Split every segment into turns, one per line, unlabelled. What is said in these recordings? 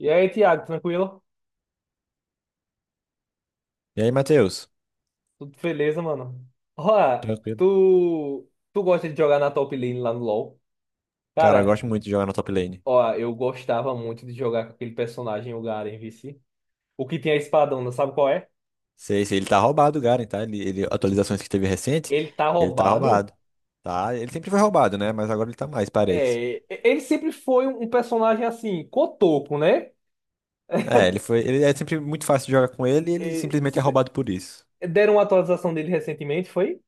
E aí, Thiago, tranquilo?
E aí, Matheus?
Tudo beleza, mano? Ó,
Tranquilo.
tu gosta de jogar na top lane lá no LoL?
Cara, eu
Cara,
gosto muito de jogar na top lane.
ó, eu gostava muito de jogar com aquele personagem, o Garen, vice. O que tem a espadona, sabe qual é?
Sei, ele tá roubado, o Garen, tá? Atualizações que teve recente,
Ele tá
ele tá
roubado.
roubado. Tá? Ele sempre foi roubado, né? Mas agora ele tá mais, parece.
É, ele sempre foi um personagem assim, cotoco, né?
É, ele foi. Ele é sempre muito fácil de jogar com ele e ele
É,
simplesmente é roubado por isso.
deram uma atualização dele recentemente, foi?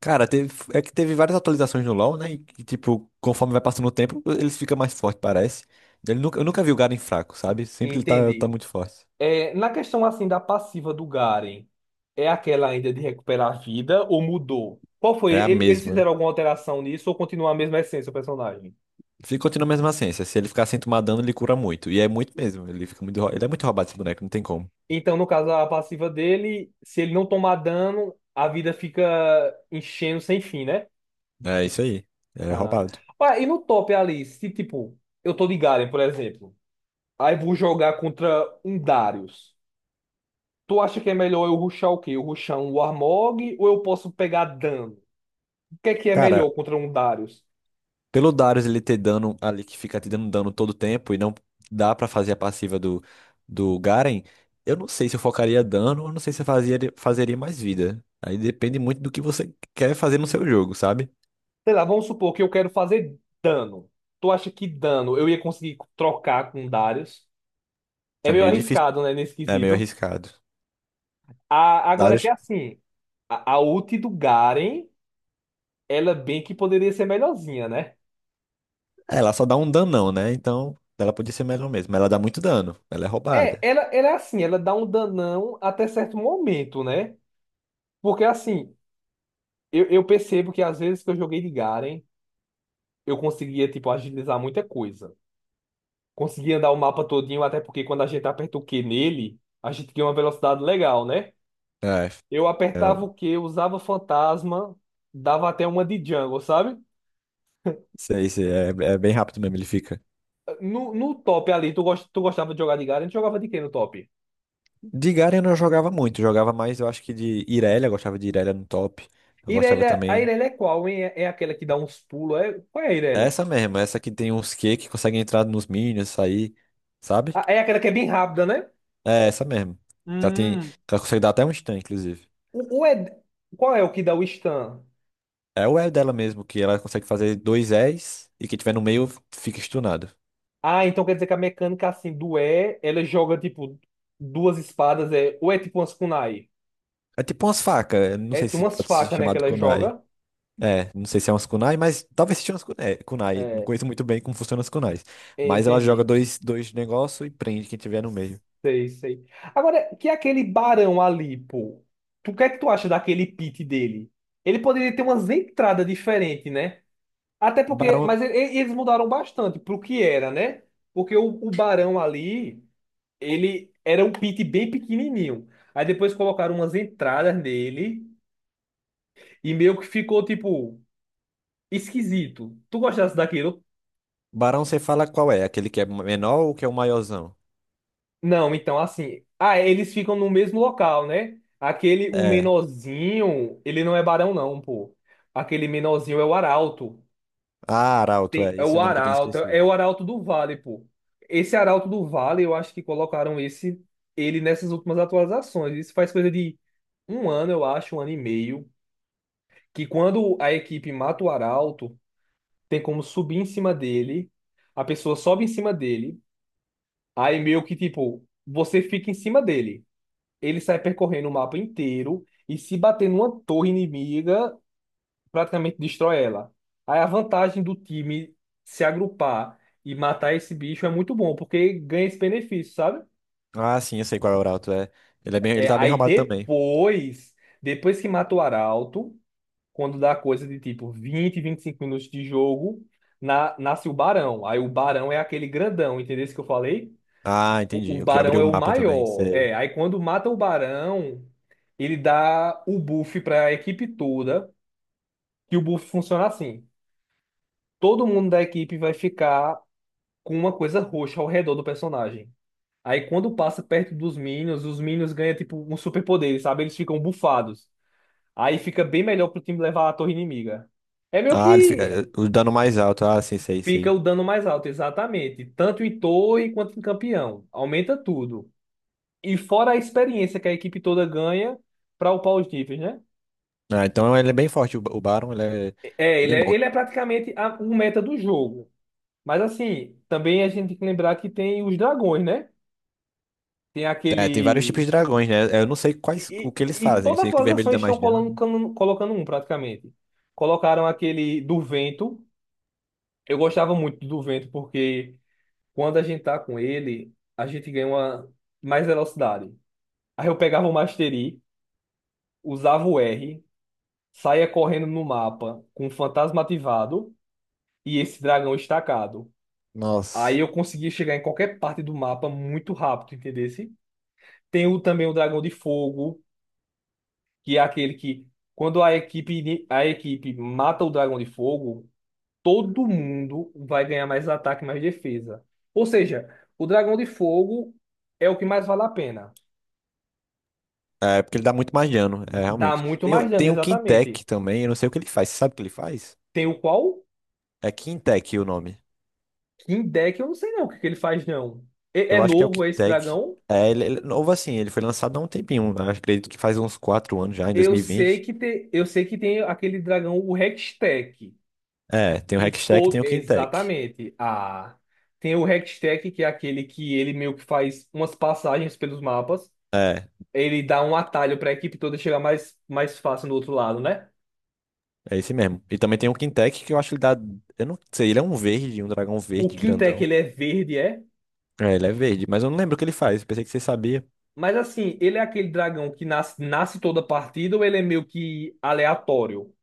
Cara, teve, é que teve várias atualizações no LoL, né? E, que, tipo, conforme vai passando o tempo, eles ficam mais fortes, parece. Ele nunca, eu nunca vi o Garen fraco, sabe? Sempre ele tá, tá
Entendi.
muito forte.
É, na questão assim da passiva do Garen, é aquela ainda de recuperar a vida ou mudou? Qual foi?
É a
Eles
mesma.
fizeram alguma alteração nisso ou continua a mesma essência o personagem?
Se continua a mesma ciência, se ele ficar sem tomar dano, ele cura muito. E é muito mesmo. Ele fica muito, ele é muito roubado esse boneco, não tem como.
Então, no caso, a passiva dele, se ele não tomar dano, a vida fica enchendo sem fim, né?
É isso aí. É
Ah.
roubado.
Ué, e no top ali, se tipo, eu tô de Garen, por exemplo, aí vou jogar contra um Darius. Tu acha que é melhor eu rushar o quê? Eu rushar um Warmog ou eu posso pegar dano? O que é melhor
Cara,
contra um Darius?
pelo Darius ele ter dano ali que fica te dando dano todo tempo e não dá pra fazer a passiva do Garen, eu não sei se eu focaria dano, eu não sei se eu fazia, fazeria mais vida. Aí depende muito do que você quer fazer no seu jogo, sabe?
Sei lá, vamos supor que eu quero fazer dano. Tu acha que dano eu ia conseguir trocar com Darius? É
É
meio
meio difícil,
arriscado, né, nesse
é meio
quesito.
arriscado.
Agora que é
Darius,
assim, a ult do Garen, ela bem que poderia ser melhorzinha, né?
é, ela só dá um danão, né? Então, ela podia ser melhor mesmo. Mas ela dá muito dano, ela é
É,
roubada.
ela é assim, ela dá um danão até certo momento, né? Porque assim, eu percebo que às vezes que eu joguei de Garen, eu conseguia, tipo, agilizar muita coisa. Conseguia andar o mapa todinho, até porque quando a gente aperta o Q nele, a gente ganha uma velocidade legal, né?
É.
Eu
É
apertava o Q, usava fantasma, dava até uma de jungle, sabe?
Sei, é, é bem rápido mesmo, ele fica.
No top ali, tu gostava de jogar de Garen? Tu jogava de quem no top?
De Garen eu não jogava muito, jogava mais, eu acho que de Irelia, eu gostava de Irelia no top. Eu gostava
Irelia, a
também.
Irelia é qual, hein? É aquela que dá uns pulos? É, qual é a
É
Irelia?
essa mesmo, é essa que tem uns Q que conseguem entrar nos minions, sair, sabe?
Ah, é aquela que é bem rápida, né?
É essa mesmo. Ela tem,
Hum.
ela consegue dar até um stun, inclusive.
O, o Ed- qual é o que dá o stun?
É o E dela mesmo, que ela consegue fazer dois Es e quem tiver no meio fica stunado.
Ah, então quer dizer que a mecânica assim do E, ela joga tipo duas espadas, é, ou é tipo umas kunai?
É tipo umas facas, eu não
É
sei
tipo
se
umas
pode ser
facas, né, que
chamado
ela
kunai.
joga?
É, não sei se é umas kunai, mas talvez seja umas kunai. É, kunai. Não
É,
conheço muito bem como funcionam as kunais. Mas ela joga
entendi.
dois negócios e prende quem tiver no meio.
Sei, sei. Agora, que é aquele barão ali, pô? O que é que tu acha daquele pit dele? Ele poderia ter umas entradas diferentes, né? Até porque.
Barão,
Mas eles mudaram bastante pro que era, né? Porque o barão ali, ele era um pit bem pequenininho. Aí depois colocaram umas entradas nele e meio que ficou, tipo, esquisito. Tu gostasse daquilo?
barão, você fala qual é? Aquele que é menor ou que é o maiorzão?
Não, então assim. Ah, é, eles ficam no mesmo local, né? Aquele, o
É.
menorzinho, ele não é barão, não, pô. Aquele menorzinho é o arauto.
Ah, arauto,
Tem-
é.
é
Esse é
o
o nome que eu tenho
arauto, é
esquecido.
o arauto do vale, pô. Esse arauto do vale, eu acho que colocaram esse, ele nessas últimas atualizações. Isso faz coisa de 1 ano, eu acho, 1 ano e meio. Que quando a equipe mata o arauto, tem como subir em cima dele. A pessoa sobe em cima dele. Aí meio que, tipo, você fica em cima dele. Ele sai percorrendo o mapa inteiro e se bater numa torre inimiga, praticamente destrói ela. Aí a vantagem do time se agrupar e matar esse bicho é muito bom, porque ganha esse benefício, sabe?
Ah, sim, eu sei qual é o arauto, é. Ele, é bem, ele
É,
tá bem
aí
roubado também.
depois que mata o Arauto, quando dá coisa de tipo 20, 25 minutos de jogo, nasce o Barão. Aí o Barão é aquele grandão, entendeu isso que eu falei?
Ah,
O,
entendi.
o
O que
barão
abriu o
é o
mapa também,
maior.
sei.
É, aí quando mata o barão, ele dá o buff para a equipe toda. E o buff funciona assim: todo mundo da equipe vai ficar com uma coisa roxa ao redor do personagem. Aí quando passa perto dos minions, os minions ganham tipo um superpoder, sabe? Eles ficam bufados. Aí fica bem melhor pro time levar a torre inimiga. É meio
Ah, ele fica,
que
é, o dano mais alto. Ah, sim, sei,
fica
sei.
o dano mais alto, exatamente. Tanto em torre quanto em campeão. Aumenta tudo. E fora a experiência que a equipe toda ganha para upar os níveis, né?
Ah, então ele é bem forte, o, o Baron, ele é
É, ele
bem
é,
bom.
ele é praticamente um meta do jogo. Mas assim, também a gente tem que lembrar que tem os dragões, né? Tem
É, tem vários
aquele.
tipos de dragões, né? É, eu não sei quais, o
E,
que
e,
eles
e
fazem. Eu
toda
sei que o vermelho
atualização
dá
eles estão
mais dano.
colocando um, praticamente. Colocaram aquele do vento. Eu gostava muito do vento, porque quando a gente tá com ele, a gente ganha uma mais velocidade. Aí eu pegava o Mastery, usava o R, saia correndo no mapa com um fantasma ativado e esse dragão estacado. Aí
Nossa.
eu conseguia chegar em qualquer parte do mapa muito rápido, entendesse? Tem também o dragão de fogo, que é aquele que quando a equipe, a equipe mata o dragão de fogo, todo mundo vai ganhar mais ataque, mais defesa. Ou seja, o dragão de fogo é o que mais vale a pena.
É, porque ele dá muito mais dano, é,
Dá
realmente.
muito
Tem,
mais dano,
tem o
exatamente.
Quintec também, eu não sei o que ele faz. Você sabe o que ele faz?
Tem o qual?
É Quintec o nome.
King Deck, eu não sei não o que que ele faz não. É
Eu acho que é o
novo é esse
Quintec.
dragão?
É, ele é novo assim, ele foi lançado há um tempinho. Eu acredito que faz uns 4 anos já, em dois
Eu
mil e
sei
vinte
que tem, eu sei que tem aquele dragão, o Hextech,
É, tem o
que
Hextech, e
todo,
tem o Quintec.
exatamente. Ah, tem o Hextech, que é aquele que ele meio que faz umas passagens pelos mapas.
É,
Ele dá um atalho para a equipe toda chegar mais fácil no outro lado, né?
é esse mesmo. E também tem o Quintec que eu acho que ele dá. Eu não sei, ele é um verde, um dragão
O
verde
quintec
grandão.
ele é verde, é?
É, ele é verde, mas eu não lembro o que ele faz. Pensei que você sabia.
Mas assim, ele é aquele dragão que nasce toda partida ou ele é meio que aleatório?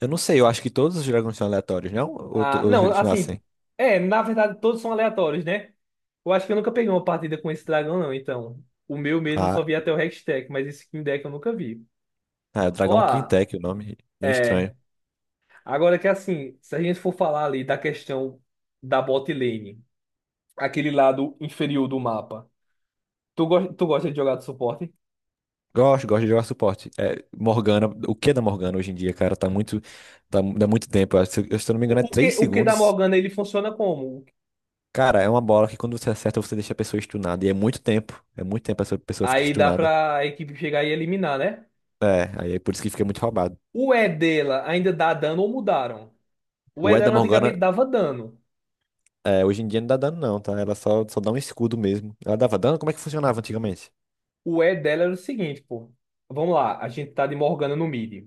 Eu não sei, eu acho que todos os dragões são aleatórios, não? Ou,
Ah,
ou
não,
eles
assim,
nascem?
é, na verdade todos são aleatórios, né? Eu acho que eu nunca peguei uma partida com esse dragão, não, então. O meu mesmo eu
Ah,
só vi até o Hextech, mas esse King Deck eu nunca vi.
ah, é Dragão
Ó,
Quintec, o nome. Bem
é.
estranho.
Agora que assim, se a gente for falar ali da questão da bot lane, aquele lado inferior do mapa, tu gosta de jogar de suporte?
Gosto de jogar suporte. É, Morgana, o que é da Morgana hoje em dia, cara? Tá muito. Tá, dá muito tempo. Eu, se eu não me engano, é
O, o que,
3
o que da
segundos.
Morgana ele funciona como?
Cara, é uma bola que quando você acerta, você deixa a pessoa estunada. E é muito tempo. É muito tempo essa pessoa fica
Aí dá
estunada.
pra equipe chegar e eliminar, né?
É, aí é por isso que fica muito roubado.
O E dela ainda dá dano ou mudaram? O
O
E
E da
dela antigamente
Morgana,
dava dano.
é, hoje em dia não dá dano, não, tá? Ela só dá um escudo mesmo. Ela dava dano? Como é que funcionava antigamente?
O E dela era o seguinte, pô. Vamos lá, a gente tá de Morgana no mid.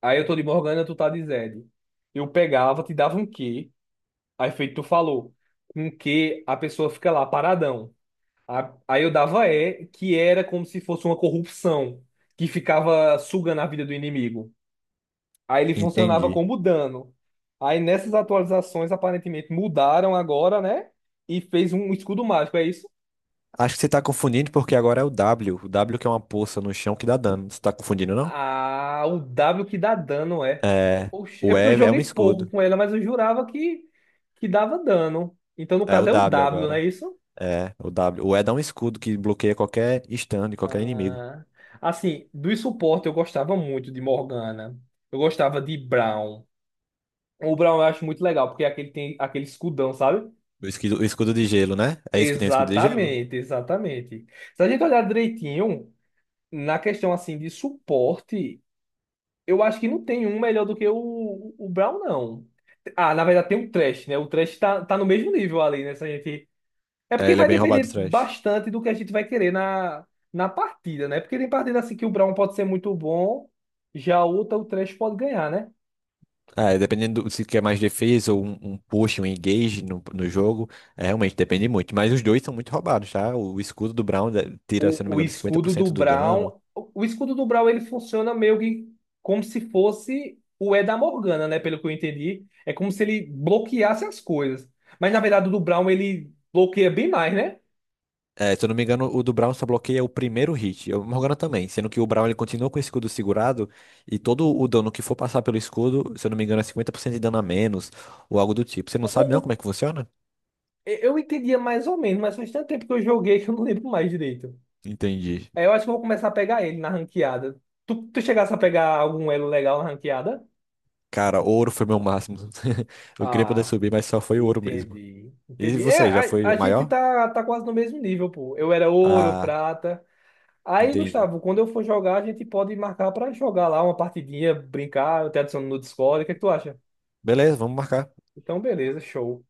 Aí eu tô de Morgana, tu tá de Zed. Eu pegava, te dava um Q. Aí feito tu falou. Com Q, a pessoa fica lá paradão. Aí eu dava E, que era como se fosse uma corrupção, que ficava sugando a vida do inimigo. Aí ele funcionava
Entendi.
como dano. Aí nessas atualizações, aparentemente mudaram agora, né? E fez um escudo mágico, é isso?
Acho que você tá confundindo porque agora é o W. O W que é uma poça no chão que dá dano. Você tá confundindo, não?
Ah, o W que dá dano é.
É.
Oxe, é
O
porque eu
E é um
joguei pouco
escudo.
com ela, mas eu jurava que, dava dano. Então, no
É o
caso, é o
W
W, não
agora.
é isso?
É, o W. O E dá um escudo que bloqueia qualquer stand, qualquer inimigo.
Ah, assim, do suporte eu gostava muito de Morgana. Eu gostava de Brown. O Brown eu acho muito legal, porque é aquele tem aquele escudão, sabe?
O escudo de gelo, né? É isso que tem o escudo de gelo?
Exatamente, exatamente. Se a gente olhar direitinho, na questão assim de suporte. Eu acho que não tem um melhor do que o Brown, não. Ah, na verdade tem o Trash, né? O Trash tá no mesmo nível ali, né? Se a gente... É
É,
porque
ele é
vai
bem roubado
depender
atrás.
bastante do que a gente vai querer na, partida, né? Porque tem partida assim que o Brown pode ser muito bom, já outra o Trash pode ganhar, né?
É, dependendo se quer mais defesa ou um push, um engage no jogo, é, realmente depende muito. Mas os dois são muito roubados, tá? O escudo do Brown tira, se eu não
O,
me
o
engano,
escudo do
50% do dano.
Brown... O o escudo do Brown, ele funciona meio que como se fosse o E da Morgana, né? Pelo que eu entendi. É como se ele bloqueasse as coisas. Mas, na verdade, o do Brown, ele bloqueia bem mais, né?
É, se eu não me engano, o do Brown só bloqueia o primeiro hit. E o Morgana também. Sendo que o Brown ele continua com o escudo segurado. E todo o dano que for passar pelo escudo, se eu não me engano, é 50% de dano a menos. Ou algo do tipo. Você não sabe não como
O,
é que funciona?
Eu entendia mais ou menos, mas faz tanto tempo que eu joguei que eu não lembro mais direito.
Entendi.
Aí eu acho que eu vou começar a pegar ele na ranqueada. Tu chegasse a pegar algum elo legal na ranqueada?
Cara, ouro foi meu máximo. Eu queria poder
Ah,
subir, mas só foi ouro mesmo.
entendi.
E
Entendi. É,
você, já foi
a,
o
a gente
maior?
tá quase no mesmo nível, pô. Eu era ouro,
Ah,
prata. Aí,
entendi.
Gustavo, quando eu for jogar, a gente pode marcar pra jogar lá uma partidinha, brincar, eu te adiciono no Discord. O que é que tu acha?
Beleza, vamos marcar.
Então, beleza, show.